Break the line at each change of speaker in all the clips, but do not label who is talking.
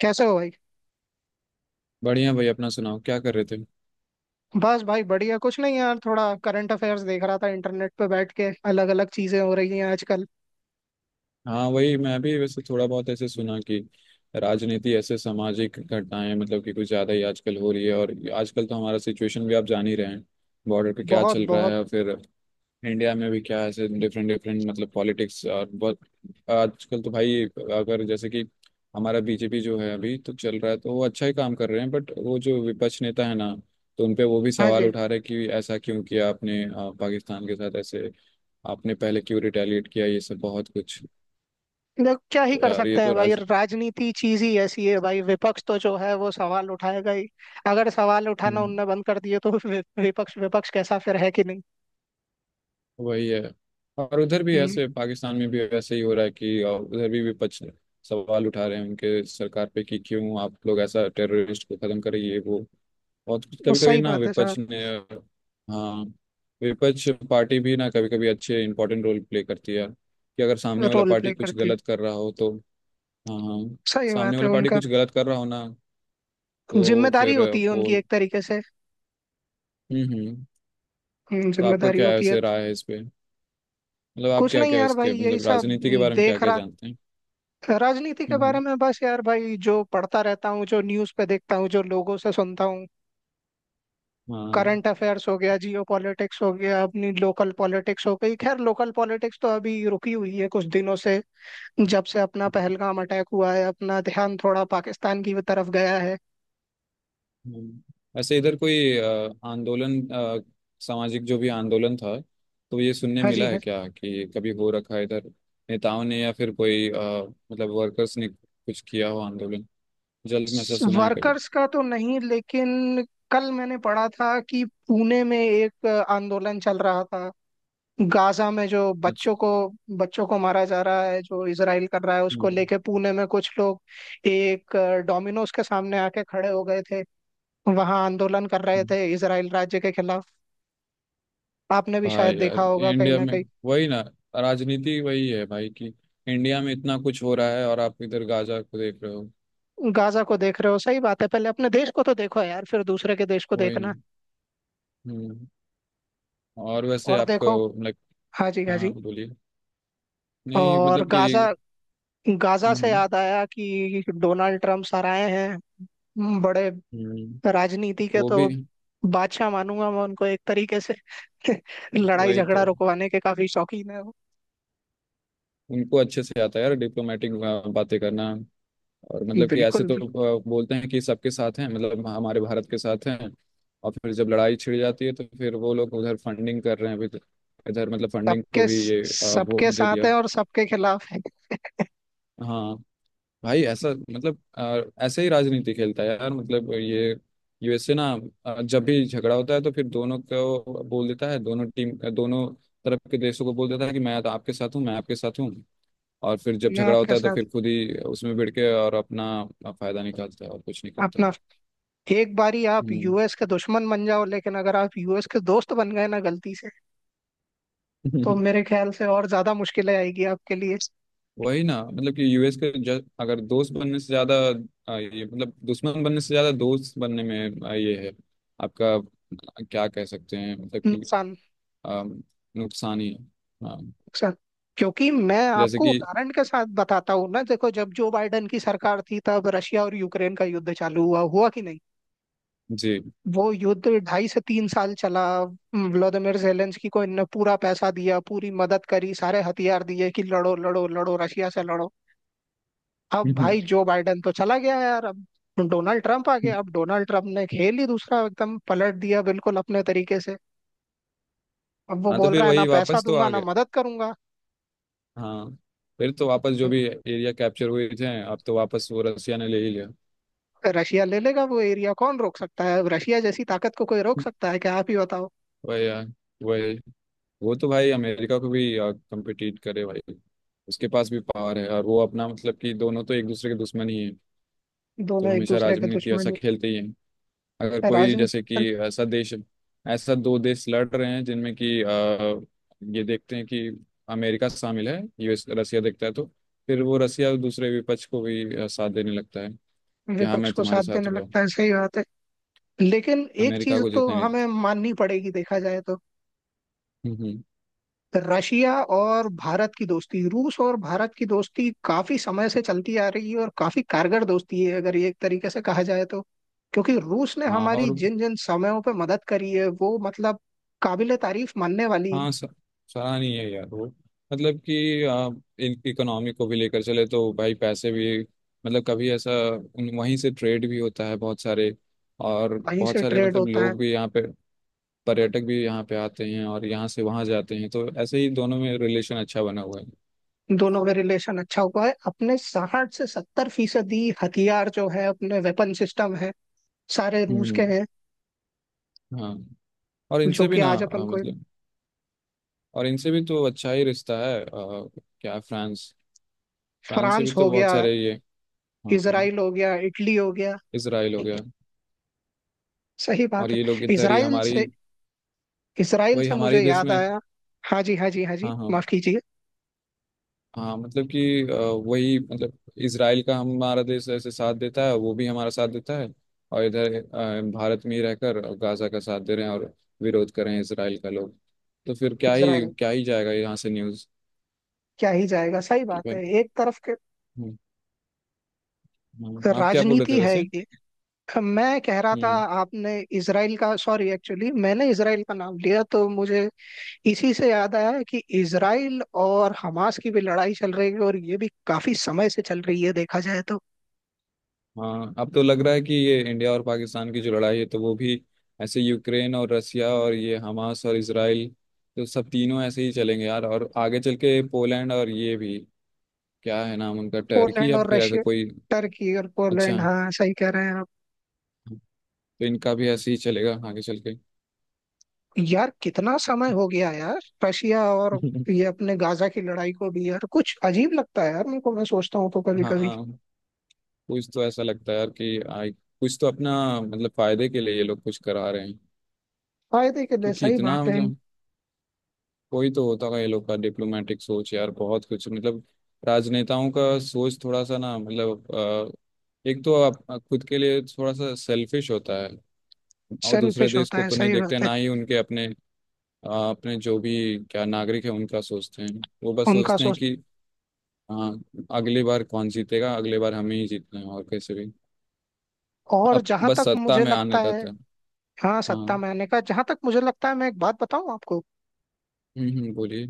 कैसे हो भाई?
बढ़िया भाई। अपना सुनाओ, क्या कर रहे थे?
बस भाई बढ़िया कुछ नहीं यार, थोड़ा करंट अफेयर्स देख रहा था इंटरनेट पे बैठ के। अलग अलग चीजें हो रही हैं आजकल।
हाँ, वही मैं भी वैसे थोड़ा बहुत ऐसे सुना कि राजनीति, ऐसे सामाजिक घटनाएं, मतलब कि कुछ ज़्यादा ही आजकल हो रही है। और आजकल तो हमारा सिचुएशन भी आप जान ही रहे हैं, बॉर्डर पे क्या
बहुत
चल रहा
बहुत।
है। और फिर इंडिया में भी क्या ऐसे डिफरेंट डिफरेंट मतलब पॉलिटिक्स, और बहुत आजकल तो भाई, अगर जैसे कि हमारा बीजेपी जो है अभी तो चल रहा है, तो वो अच्छा ही काम कर रहे हैं। बट वो जो विपक्ष नेता है ना, तो उनपे वो भी
हाँ
सवाल
जी।
उठा रहे हैं कि ऐसा क्यों किया आपने पाकिस्तान के साथ ऐसे, आपने पहले क्यों रिटेलिएट किया, ये सब बहुत कुछ।
देख क्या ही
तो
कर
यार ये
सकते हैं
तो
भाई,
राज,
राजनीति चीज ही ऐसी है भाई। विपक्ष तो जो है वो सवाल उठाएगा ही। अगर सवाल उठाना
हम्म,
उनने बंद कर दिए तो विपक्ष विपक्ष कैसा फिर, है कि नहीं।
वही है। और उधर भी
हम्म,
ऐसे पाकिस्तान में भी ऐसे ही हो रहा है कि उधर भी विपक्ष सवाल उठा रहे हैं उनके सरकार पे कि क्यों आप लोग ऐसा टेररिस्ट को खत्म करें, ये वो। और कभी कभी
सही
ना
बात है सर।
विपक्ष ने हाँ विपक्ष पार्टी भी ना कभी कभी अच्छे इंपॉर्टेंट रोल प्ले करती है कि अगर सामने वाला
रोल
पार्टी
प्ले
कुछ
करती है।
गलत कर रहा हो तो। हाँ हाँ,
सही
सामने
बात है
वाला पार्टी
उनका।
कुछ गलत कर रहा हो ना, तो
जिम्मेदारी
फिर
होती है
वो।
उनकी एक तरीके से।
हम्म। तो आपको
जिम्मेदारी
क्या है
होती है।
उसे राय है इस पे, मतलब आप
कुछ
क्या
नहीं
क्या
यार भाई,
इसके
यही
मतलब
सब
राजनीति के बारे में क्या
देख
क्या
रहा।
जानते हैं?
राजनीति के बारे
हम्म
में बस यार भाई, जो पढ़ता रहता हूँ, जो न्यूज़ पे देखता हूँ, जो लोगों से सुनता हूँ।
हाँ।
करंट अफेयर्स हो गया, जियो पॉलिटिक्स हो गया, अपनी लोकल पॉलिटिक्स हो गई। खैर लोकल पॉलिटिक्स तो अभी रुकी हुई है कुछ दिनों से। जब से अपना पहलगाम अटैक हुआ है, अपना ध्यान थोड़ा पाकिस्तान की तरफ गया है।
हम्म। वैसे इधर कोई आंदोलन, सामाजिक जो भी आंदोलन था, तो ये सुनने
हाँ जी।
मिला
हाँ,
है क्या कि कभी हो रखा है इधर नेताओं ने या फिर कोई मतलब वर्कर्स ने कुछ किया हो आंदोलन? जल्द में ऐसा सुना है कभी?
वर्कर्स का तो नहीं लेकिन कल मैंने पढ़ा था कि पुणे में एक आंदोलन चल रहा था। गाजा में जो
अच्छा।
बच्चों को मारा जा रहा है, जो इसराइल कर रहा है, उसको
हम्म,
लेके पुणे में कुछ लोग एक डोमिनोज के सामने आके खड़े हो गए थे। वहां आंदोलन कर रहे
हम्म।
थे इसराइल राज्य के खिलाफ। आपने भी शायद
भाई यार
देखा होगा कहीं
इंडिया
ना
में
कहीं।
वही ना, राजनीति वही है भाई कि इंडिया में इतना कुछ हो रहा है और आप इधर गाजा को देख रहे हो।
गाजा को देख रहे हो, सही बात है। पहले अपने देश को तो देखो यार, फिर दूसरे के देश को
वही ना।
देखना।
हम्म। और वैसे
और
आपको
देखो।
लाइक,
हाँ जी, हाँ
हाँ
जी।
बोलिए। नहीं
और
मतलब कि,
गाजा, गाजा से
हम्म
याद आया कि डोनाल्ड ट्रम्प सर आए हैं। बड़े
हम्म,
राजनीति के
वो भी।
तो बादशाह मानूंगा मैं उनको एक तरीके से। लड़ाई
वही तो।
झगड़ा रुकवाने के काफी शौकीन है वो।
उनको अच्छे से आता है यार डिप्लोमेटिक बातें करना। और मतलब कि
बिल्कुल
ऐसे तो
बिल्कुल।
बोलते हैं कि सबके साथ हैं, मतलब हमारे भारत के साथ हैं। और फिर जब लड़ाई छिड़ जाती है तो फिर वो लोग उधर फंडिंग कर रहे हैं अभी तो। इधर मतलब फंडिंग को
सबके
भी ये
सबके
वोट दे
साथ
दिया।
है और सबके खिलाफ है।
हाँ, भाई ऐसा मतलब ऐसे ही राजनीति खेलता है यार, मतलब ये यूएसए ना, जब भी झगड़ा होता है तो फिर दोनों को बोल देता है, दोनों टीम, दोनों तरफ के देशों को बोल देता है कि मैं तो आपके साथ हूँ, मैं आपके साथ हूँ। और फिर जब
मैं
झगड़ा
आपके
होता है तो
साथ,
फिर खुद ही उसमें भिड़ के और अपना फायदा निकालता है और कुछ नहीं करता।
अपना, एक बारी आप
हम्म।
यूएस के दुश्मन बन जाओ, लेकिन अगर आप यूएस के दोस्त बन गए ना गलती से, तो मेरे ख्याल से और ज्यादा मुश्किलें आएगी आपके लिए।
वही ना, मतलब कि यूएस के ज, अगर दोस्त बनने से ज्यादा, ये मतलब दुश्मन बनने से ज्यादा दोस्त बनने में ये है आपका, क्या कह सकते हैं मतलब,
नुकसान।
अम, नुकसान ही है। हाँ।
नुकसान, क्योंकि मैं
जैसे
आपको
कि,
उदाहरण के साथ बताता हूँ ना। देखो, जब जो बाइडन की सरकार थी तब रशिया और यूक्रेन का युद्ध चालू हुआ, हुआ कि नहीं।
जी।
वो युद्ध 2.5 से 3 साल चला। व्लादिमीर जेलेंस्की को इनने पूरा पैसा दिया, पूरी मदद करी, सारे हथियार दिए कि लड़ो लड़ो लड़ो, रशिया से लड़ो। अब भाई जो बाइडेन तो चला गया यार। अब डोनाल्ड ट्रंप आ गया। अब डोनाल्ड ट्रंप ने खेल ही दूसरा एकदम पलट दिया बिल्कुल अपने तरीके से। अब वो
हाँ तो
बोल
फिर
रहा है ना
वही
पैसा
वापस तो
दूंगा
आ
ना
गया।
मदद करूंगा।
हाँ, फिर तो वापस जो भी एरिया कैप्चर हुए थे अब तो वापस वो रसिया ने ले ही लिया।
रशिया ले लेगा वो एरिया, कौन रोक सकता है। अब रशिया जैसी ताकत को कोई रोक सकता है क्या, आप ही बताओ।
वही यार, वही। वो तो भाई अमेरिका को भी कम्पिटिट करे भाई, उसके पास भी पावर है, और वो अपना मतलब कि दोनों तो एक दूसरे के दुश्मन ही है। तो
दोनों एक
हमेशा
दूसरे के
राजनीति ऐसा
दुश्मन
खेलते ही है। अगर
हैं।
कोई
राजनीतिक
जैसे कि
दल
ऐसा देश, ऐसा दो देश लड़ रहे हैं जिनमें कि ये देखते हैं कि अमेरिका शामिल है, यूएस रसिया देखता है, तो फिर वो रसिया दूसरे विपक्ष को भी साथ देने लगता है कि हाँ
विपक्ष
मैं
को
तुम्हारे
साथ
साथ
देने
हो गया हूँ।
लगता है, सही बात है। लेकिन
यार
एक
अमेरिका
चीज
को
तो
जीतने नहीं
हमें
देता।
माननी पड़ेगी देखा जाए तो।
हम्म हम्म।
रशिया और भारत की दोस्ती, रूस और भारत की दोस्ती काफी समय से चलती आ रही है, और काफी कारगर दोस्ती है अगर ये एक तरीके से कहा जाए तो। क्योंकि रूस ने
हाँ
हमारी
और,
जिन जिन समयों पे मदद करी है वो मतलब काबिले तारीफ मानने वाली।
हाँ सराहनीय है यार वो, मतलब कि इन इकोनॉमी को भी लेकर चले तो भाई पैसे भी मतलब कभी ऐसा वहीं से ट्रेड भी होता है बहुत सारे, और
वहीं
बहुत
से
सारे
ट्रेड
मतलब
होता है।
लोग भी यहाँ पे, पर्यटक भी यहाँ पे आते हैं और यहाँ से वहाँ जाते हैं, तो ऐसे ही दोनों में रिलेशन अच्छा बना हुआ है।
दोनों में रिलेशन अच्छा हुआ है। अपने 60 से 70% हथियार जो है, अपने वेपन सिस्टम है, सारे रूस के
हम्म।
हैं।
हाँ। और
जो
इनसे भी
कि
ना
आज अपन को।
मतलब, और इनसे भी तो अच्छा ही रिश्ता है क्या फ्रांस, फ्रांस से भी
फ्रांस
तो
हो
बहुत
गया,
सारे ये। हाँ,
इसराइल हो गया, इटली हो गया।
इसराइल हो गया।
सही
और
बात है।
ये लोग इधर ही
इसराइल
हमारी,
से, इसराइल
वही
से मुझे
हमारे देश
याद
में।
आया। हाँ जी, हाँ जी, हाँ जी,
हाँ हाँ।
माफ कीजिए।
हाँ मतलब कि वही मतलब, इसराइल का हमारा देश ऐसे साथ देता है, वो भी हमारा साथ देता है। और इधर भारत में ही रहकर गाजा का साथ दे रहे हैं और विरोध कर रहे हैं इसराइल का लोग। तो फिर क्या ही,
इसराइल।
क्या ही जाएगा यहाँ से न्यूज़
क्या ही जाएगा, सही
कि
बात
भाई।
है एक तरफ के।
हम्म, हाँ, आप क्या बोल रहे
राजनीति
थे
है
वैसे?
ये। मैं कह रहा था,
हम्म,
आपने इसराइल का, सॉरी एक्चुअली मैंने इसराइल का नाम लिया तो मुझे इसी से याद आया कि इसराइल और हमास की भी लड़ाई चल रही है, और ये भी काफी समय से चल रही है देखा जाए तो।
हाँ। अब तो लग रहा है कि ये इंडिया और पाकिस्तान की जो लड़ाई है, तो वो भी ऐसे यूक्रेन और रसिया और ये हमास और इसराइल, तो सब तीनों ऐसे ही चलेंगे यार। और आगे चल के पोलैंड और ये भी, क्या है नाम उनका, टर्की
पोलैंड
या
और
फिर ऐसा
रशिया,
कोई।
टर्की और पोलैंड,
अच्छा,
हाँ सही कह रहे हैं।
तो इनका भी ऐसे ही चलेगा आगे चल के।
यार कितना समय हो गया यार, रशिया और, ये अपने गाजा की लड़ाई को भी यार, कुछ अजीब लगता है यार मेरे को, मैं सोचता हूँ तो कभी कभी।
हाँ, कुछ तो ऐसा लगता है यार कि आई, कुछ तो अपना मतलब फायदे के लिए ये लोग कुछ करा रहे हैं।
फायदे के लिए,
क्योंकि
सही
इतना
बात है।
मतलब कोई तो होता होगा ये लोग का डिप्लोमेटिक सोच यार, बहुत कुछ मतलब राजनेताओं का सोच थोड़ा सा ना मतलब एक तो आप खुद के लिए थोड़ा सा सेल्फिश होता है और दूसरे
सेल्फिश
देश
होता
को
है,
तो नहीं
सही
देखते,
बात है।
ना ही उनके अपने अपने जो भी, क्या नागरिक है उनका सोचते हैं। वो बस
उनका
सोचते हैं
सोचता।
कि हाँ अगली बार कौन जीतेगा, अगली बार हमें ही जीतना है और कैसे भी,
और
अब
जहां
बस
तक
सत्ता
मुझे
में आने
लगता है।
रहता है।
हाँ, सत्ता
हाँ।
मैंने का, जहां तक मुझे लगता है, मैं एक बात बताऊं आपको?
हम्म, बोलिए।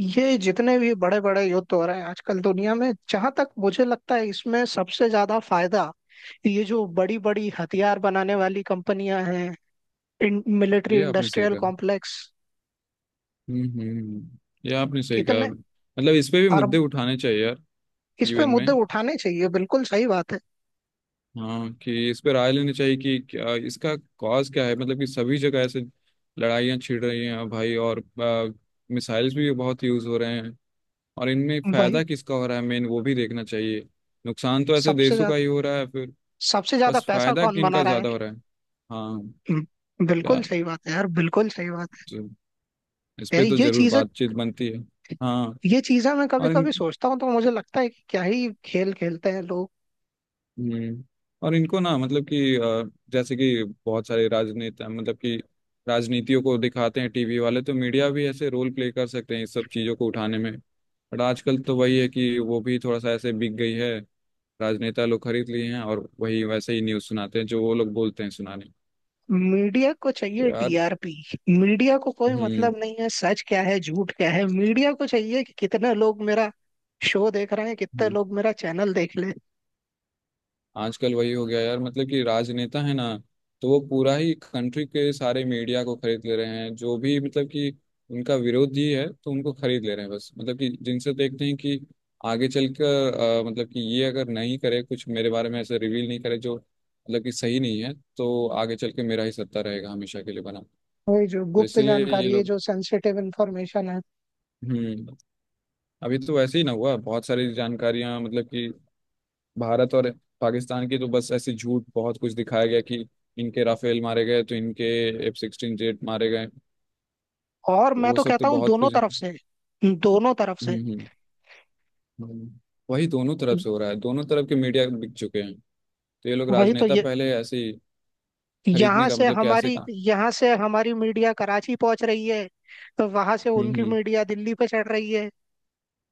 ये जितने भी बड़े बड़े युद्ध हो रहे हैं आजकल दुनिया में, जहां तक मुझे लगता है इसमें सबसे ज्यादा फायदा ये जो बड़ी बड़ी हथियार बनाने वाली कंपनियां हैं, मिलिट्री
ये आपने सही
इंडस्ट्रियल
कहा।
कॉम्प्लेक्स।
हम्म हम्म हम्म। ये आपने सही कहा,
कितने
मतलब इस पे भी
अरब।
मुद्दे उठाने चाहिए यार,
इस पे
यूएन
मुद्दे
में।
उठाने चाहिए, बिल्कुल सही बात है।
हाँ कि इस पे राय लेनी चाहिए कि क्या इसका कॉज क्या है, मतलब कि सभी जगह ऐसे लड़ाइयाँ छिड़ रही हैं भाई, और मिसाइल्स भी बहुत यूज हो रहे हैं और इनमें
वही।
फायदा किसका हो रहा है मेन, वो भी देखना चाहिए। नुकसान तो ऐसे
सबसे
देशों का
ज्यादा,
ही हो रहा है फिर,
सबसे ज्यादा
बस
पैसा
फायदा
कौन
कि
बना
इनका
रहा है।
ज्यादा हो रहा है। हाँ। क्या,
बिल्कुल सही बात है यार, बिल्कुल सही बात
जो- इस
है
पे तो
यार, ये
जरूर
चीजें,
बातचीत बनती है। हाँ,
ये चीजें मैं कभी
और
कभी
इन,
सोचता हूँ तो मुझे लगता है कि क्या ही खेल खेलते हैं लोग।
हम्म, और इनको ना मतलब कि जैसे कि बहुत सारे राजनेता मतलब कि राजनीतियों को दिखाते हैं टीवी वाले, तो मीडिया भी ऐसे रोल प्ले कर सकते हैं इस सब चीज़ों को उठाने में। बट आजकल तो वही है कि वो भी थोड़ा सा ऐसे बिक गई है, राजनेता लोग खरीद लिए हैं और वही वैसे ही न्यूज़ सुनाते हैं जो वो लोग बोलते हैं सुनाने।
मीडिया को चाहिए
तो यार,
टीआरपी। मीडिया को कोई
हम्म
मतलब नहीं है सच क्या है झूठ क्या है, मीडिया को चाहिए कि कितने लोग मेरा शो देख रहे हैं, कितने
हम्म।
लोग मेरा चैनल देख ले।
आजकल वही हो गया यार मतलब कि राजनेता है ना, तो वो पूरा ही कंट्री के सारे मीडिया को खरीद ले रहे हैं। जो भी मतलब कि उनका विरोधी है तो उनको खरीद ले रहे हैं, बस मतलब कि जिनसे देखते हैं कि आगे चलकर मतलब कि ये अगर नहीं करे कुछ मेरे बारे में ऐसे रिवील नहीं करे जो मतलब कि सही नहीं है, तो आगे चल के मेरा ही सत्ता रहेगा हमेशा के लिए बना। तो
वही जो गुप्त
इसीलिए ये
जानकारी है,
लोग,
जो सेंसिटिव इंफॉर्मेशन है।
हम्म, अभी तो वैसे ही ना हुआ, बहुत सारी जानकारियां मतलब कि भारत और पाकिस्तान की, तो बस ऐसी झूठ बहुत कुछ दिखाया गया कि इनके राफेल मारे गए, तो इनके F16 जेट मारे गए,
और
तो
मैं
वो
तो
सब तो
कहता हूँ
बहुत
दोनों
कुछ।
तरफ से, दोनों तरफ
हम्म
से।
हम्म हम्म। वही दोनों तरफ से हो रहा है, दोनों तरफ के मीडिया बिक चुके हैं। तो ये लोग
वही तो
राजनेता
ये,
पहले ऐसे ही खरीदने
यहाँ
का
से
मतलब कैसे
हमारी,
कहा।
यहाँ से हमारी मीडिया कराची पहुंच रही है, तो वहां से उनकी
हम्म।
मीडिया दिल्ली पे चढ़ रही है।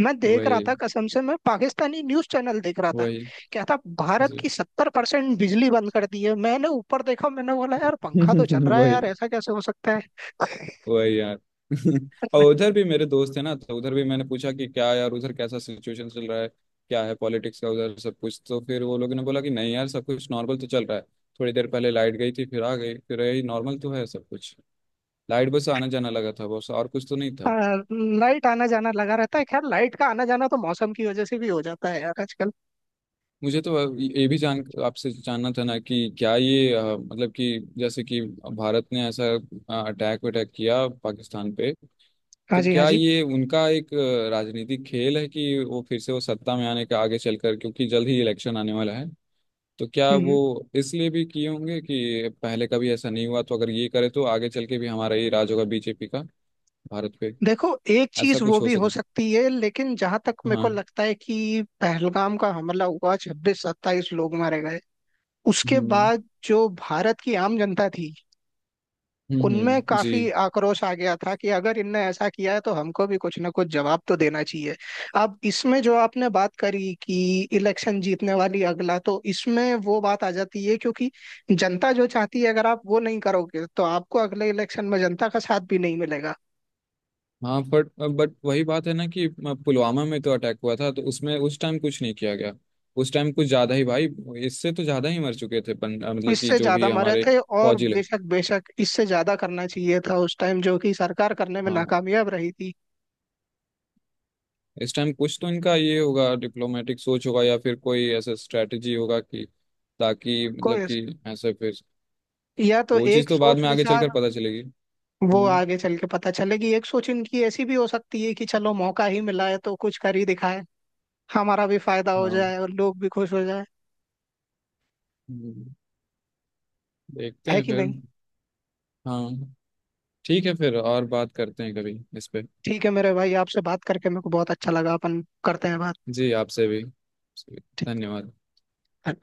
मैं देख रहा था
वही,
कसम से, मैं पाकिस्तानी न्यूज चैनल देख रहा था।
वही।
क्या था? भारत की 70% बिजली बंद कर दी है। मैंने ऊपर देखा, मैंने बोला यार पंखा तो चल रहा है
वही,
यार, ऐसा कैसे हो सकता है।
वही यार। और उधर भी मेरे दोस्त है ना, तो उधर भी मैंने पूछा कि क्या यार उधर कैसा सिचुएशन चल रहा है, क्या है पॉलिटिक्स का उधर सब कुछ। तो फिर वो लोगों ने बोला कि नहीं यार सब कुछ नॉर्मल तो चल रहा है, थोड़ी देर पहले लाइट गई थी फिर आ गई, फिर यही नॉर्मल तो है सब कुछ। लाइट बस आना जाना लगा था बस, और कुछ तो नहीं
आ,
था।
लाइट आना जाना लगा रहता है। खैर लाइट का आना जाना तो मौसम की वजह से भी हो जाता है यार आजकल।
मुझे तो ये भी जान आपसे जानना था ना कि क्या ये मतलब कि जैसे कि भारत ने ऐसा अटैक वटैक किया पाकिस्तान पे,
हाँ
तो
जी, हाँ
क्या
जी।
ये उनका एक राजनीतिक खेल है कि वो फिर से वो सत्ता में आने का आगे चलकर, क्योंकि जल्द ही इलेक्शन आने वाला है, तो क्या वो
हम्म,
इसलिए भी किए होंगे कि पहले कभी ऐसा नहीं हुआ, तो अगर ये करे तो आगे चल के भी हमारा ही राज होगा बीजेपी का, भारत पे?
देखो एक
ऐसा
चीज वो
कुछ हो
भी हो
सकता?
सकती है, लेकिन जहां तक मेरे को
हाँ।
लगता है कि पहलगाम का हमला हुआ, 26-27 लोग मारे गए। उसके
हम्म
बाद जो भारत की आम जनता थी, उनमें
जी।
काफी आक्रोश आ गया था कि अगर इनने ऐसा किया है तो हमको भी कुछ ना कुछ जवाब तो देना चाहिए। अब इसमें जो आपने बात करी कि इलेक्शन जीतने वाली अगला, तो इसमें वो बात आ जाती है क्योंकि जनता जो चाहती है अगर आप वो नहीं करोगे तो आपको अगले इलेक्शन में जनता का साथ भी नहीं मिलेगा।
हाँ बट वही बात है ना कि पुलवामा में तो अटैक हुआ था, तो उसमें उस टाइम कुछ नहीं किया गया, उस टाइम कुछ ज्यादा ही भाई इससे तो ज्यादा ही मर चुके थे मतलब कि
इससे
जो
ज्यादा
भी
मरे
हमारे
थे, और
फौजी लोग।
बेशक बेशक इससे ज्यादा करना चाहिए था उस टाइम, जो कि सरकार करने में
हाँ,
नाकामयाब रही थी।
इस टाइम कुछ तो इनका ये होगा डिप्लोमेटिक सोच होगा या फिर कोई ऐसा स्ट्रेटजी होगा कि ताकि
कोई,
मतलब कि ऐसे फिर,
या तो
वो चीज़
एक
तो बाद
सोच
में आगे
विचार,
चलकर पता चलेगी।
वो
हम्म,
आगे चल के पता चलेगी। एक सोच इनकी ऐसी भी हो सकती है कि चलो मौका ही मिला है तो कुछ कर ही दिखाए, हमारा भी फायदा हो
हाँ,
जाए और लोग भी खुश हो जाए,
हम्म, देखते
है
हैं
कि
फिर।
नहीं।
हाँ, ठीक है फिर, और बात करते हैं कभी इस पे।
ठीक है मेरे भाई, आपसे बात करके मेरे को बहुत अच्छा लगा, अपन करते हैं बात।
जी, आपसे भी,
ठीक
धन्यवाद।
है।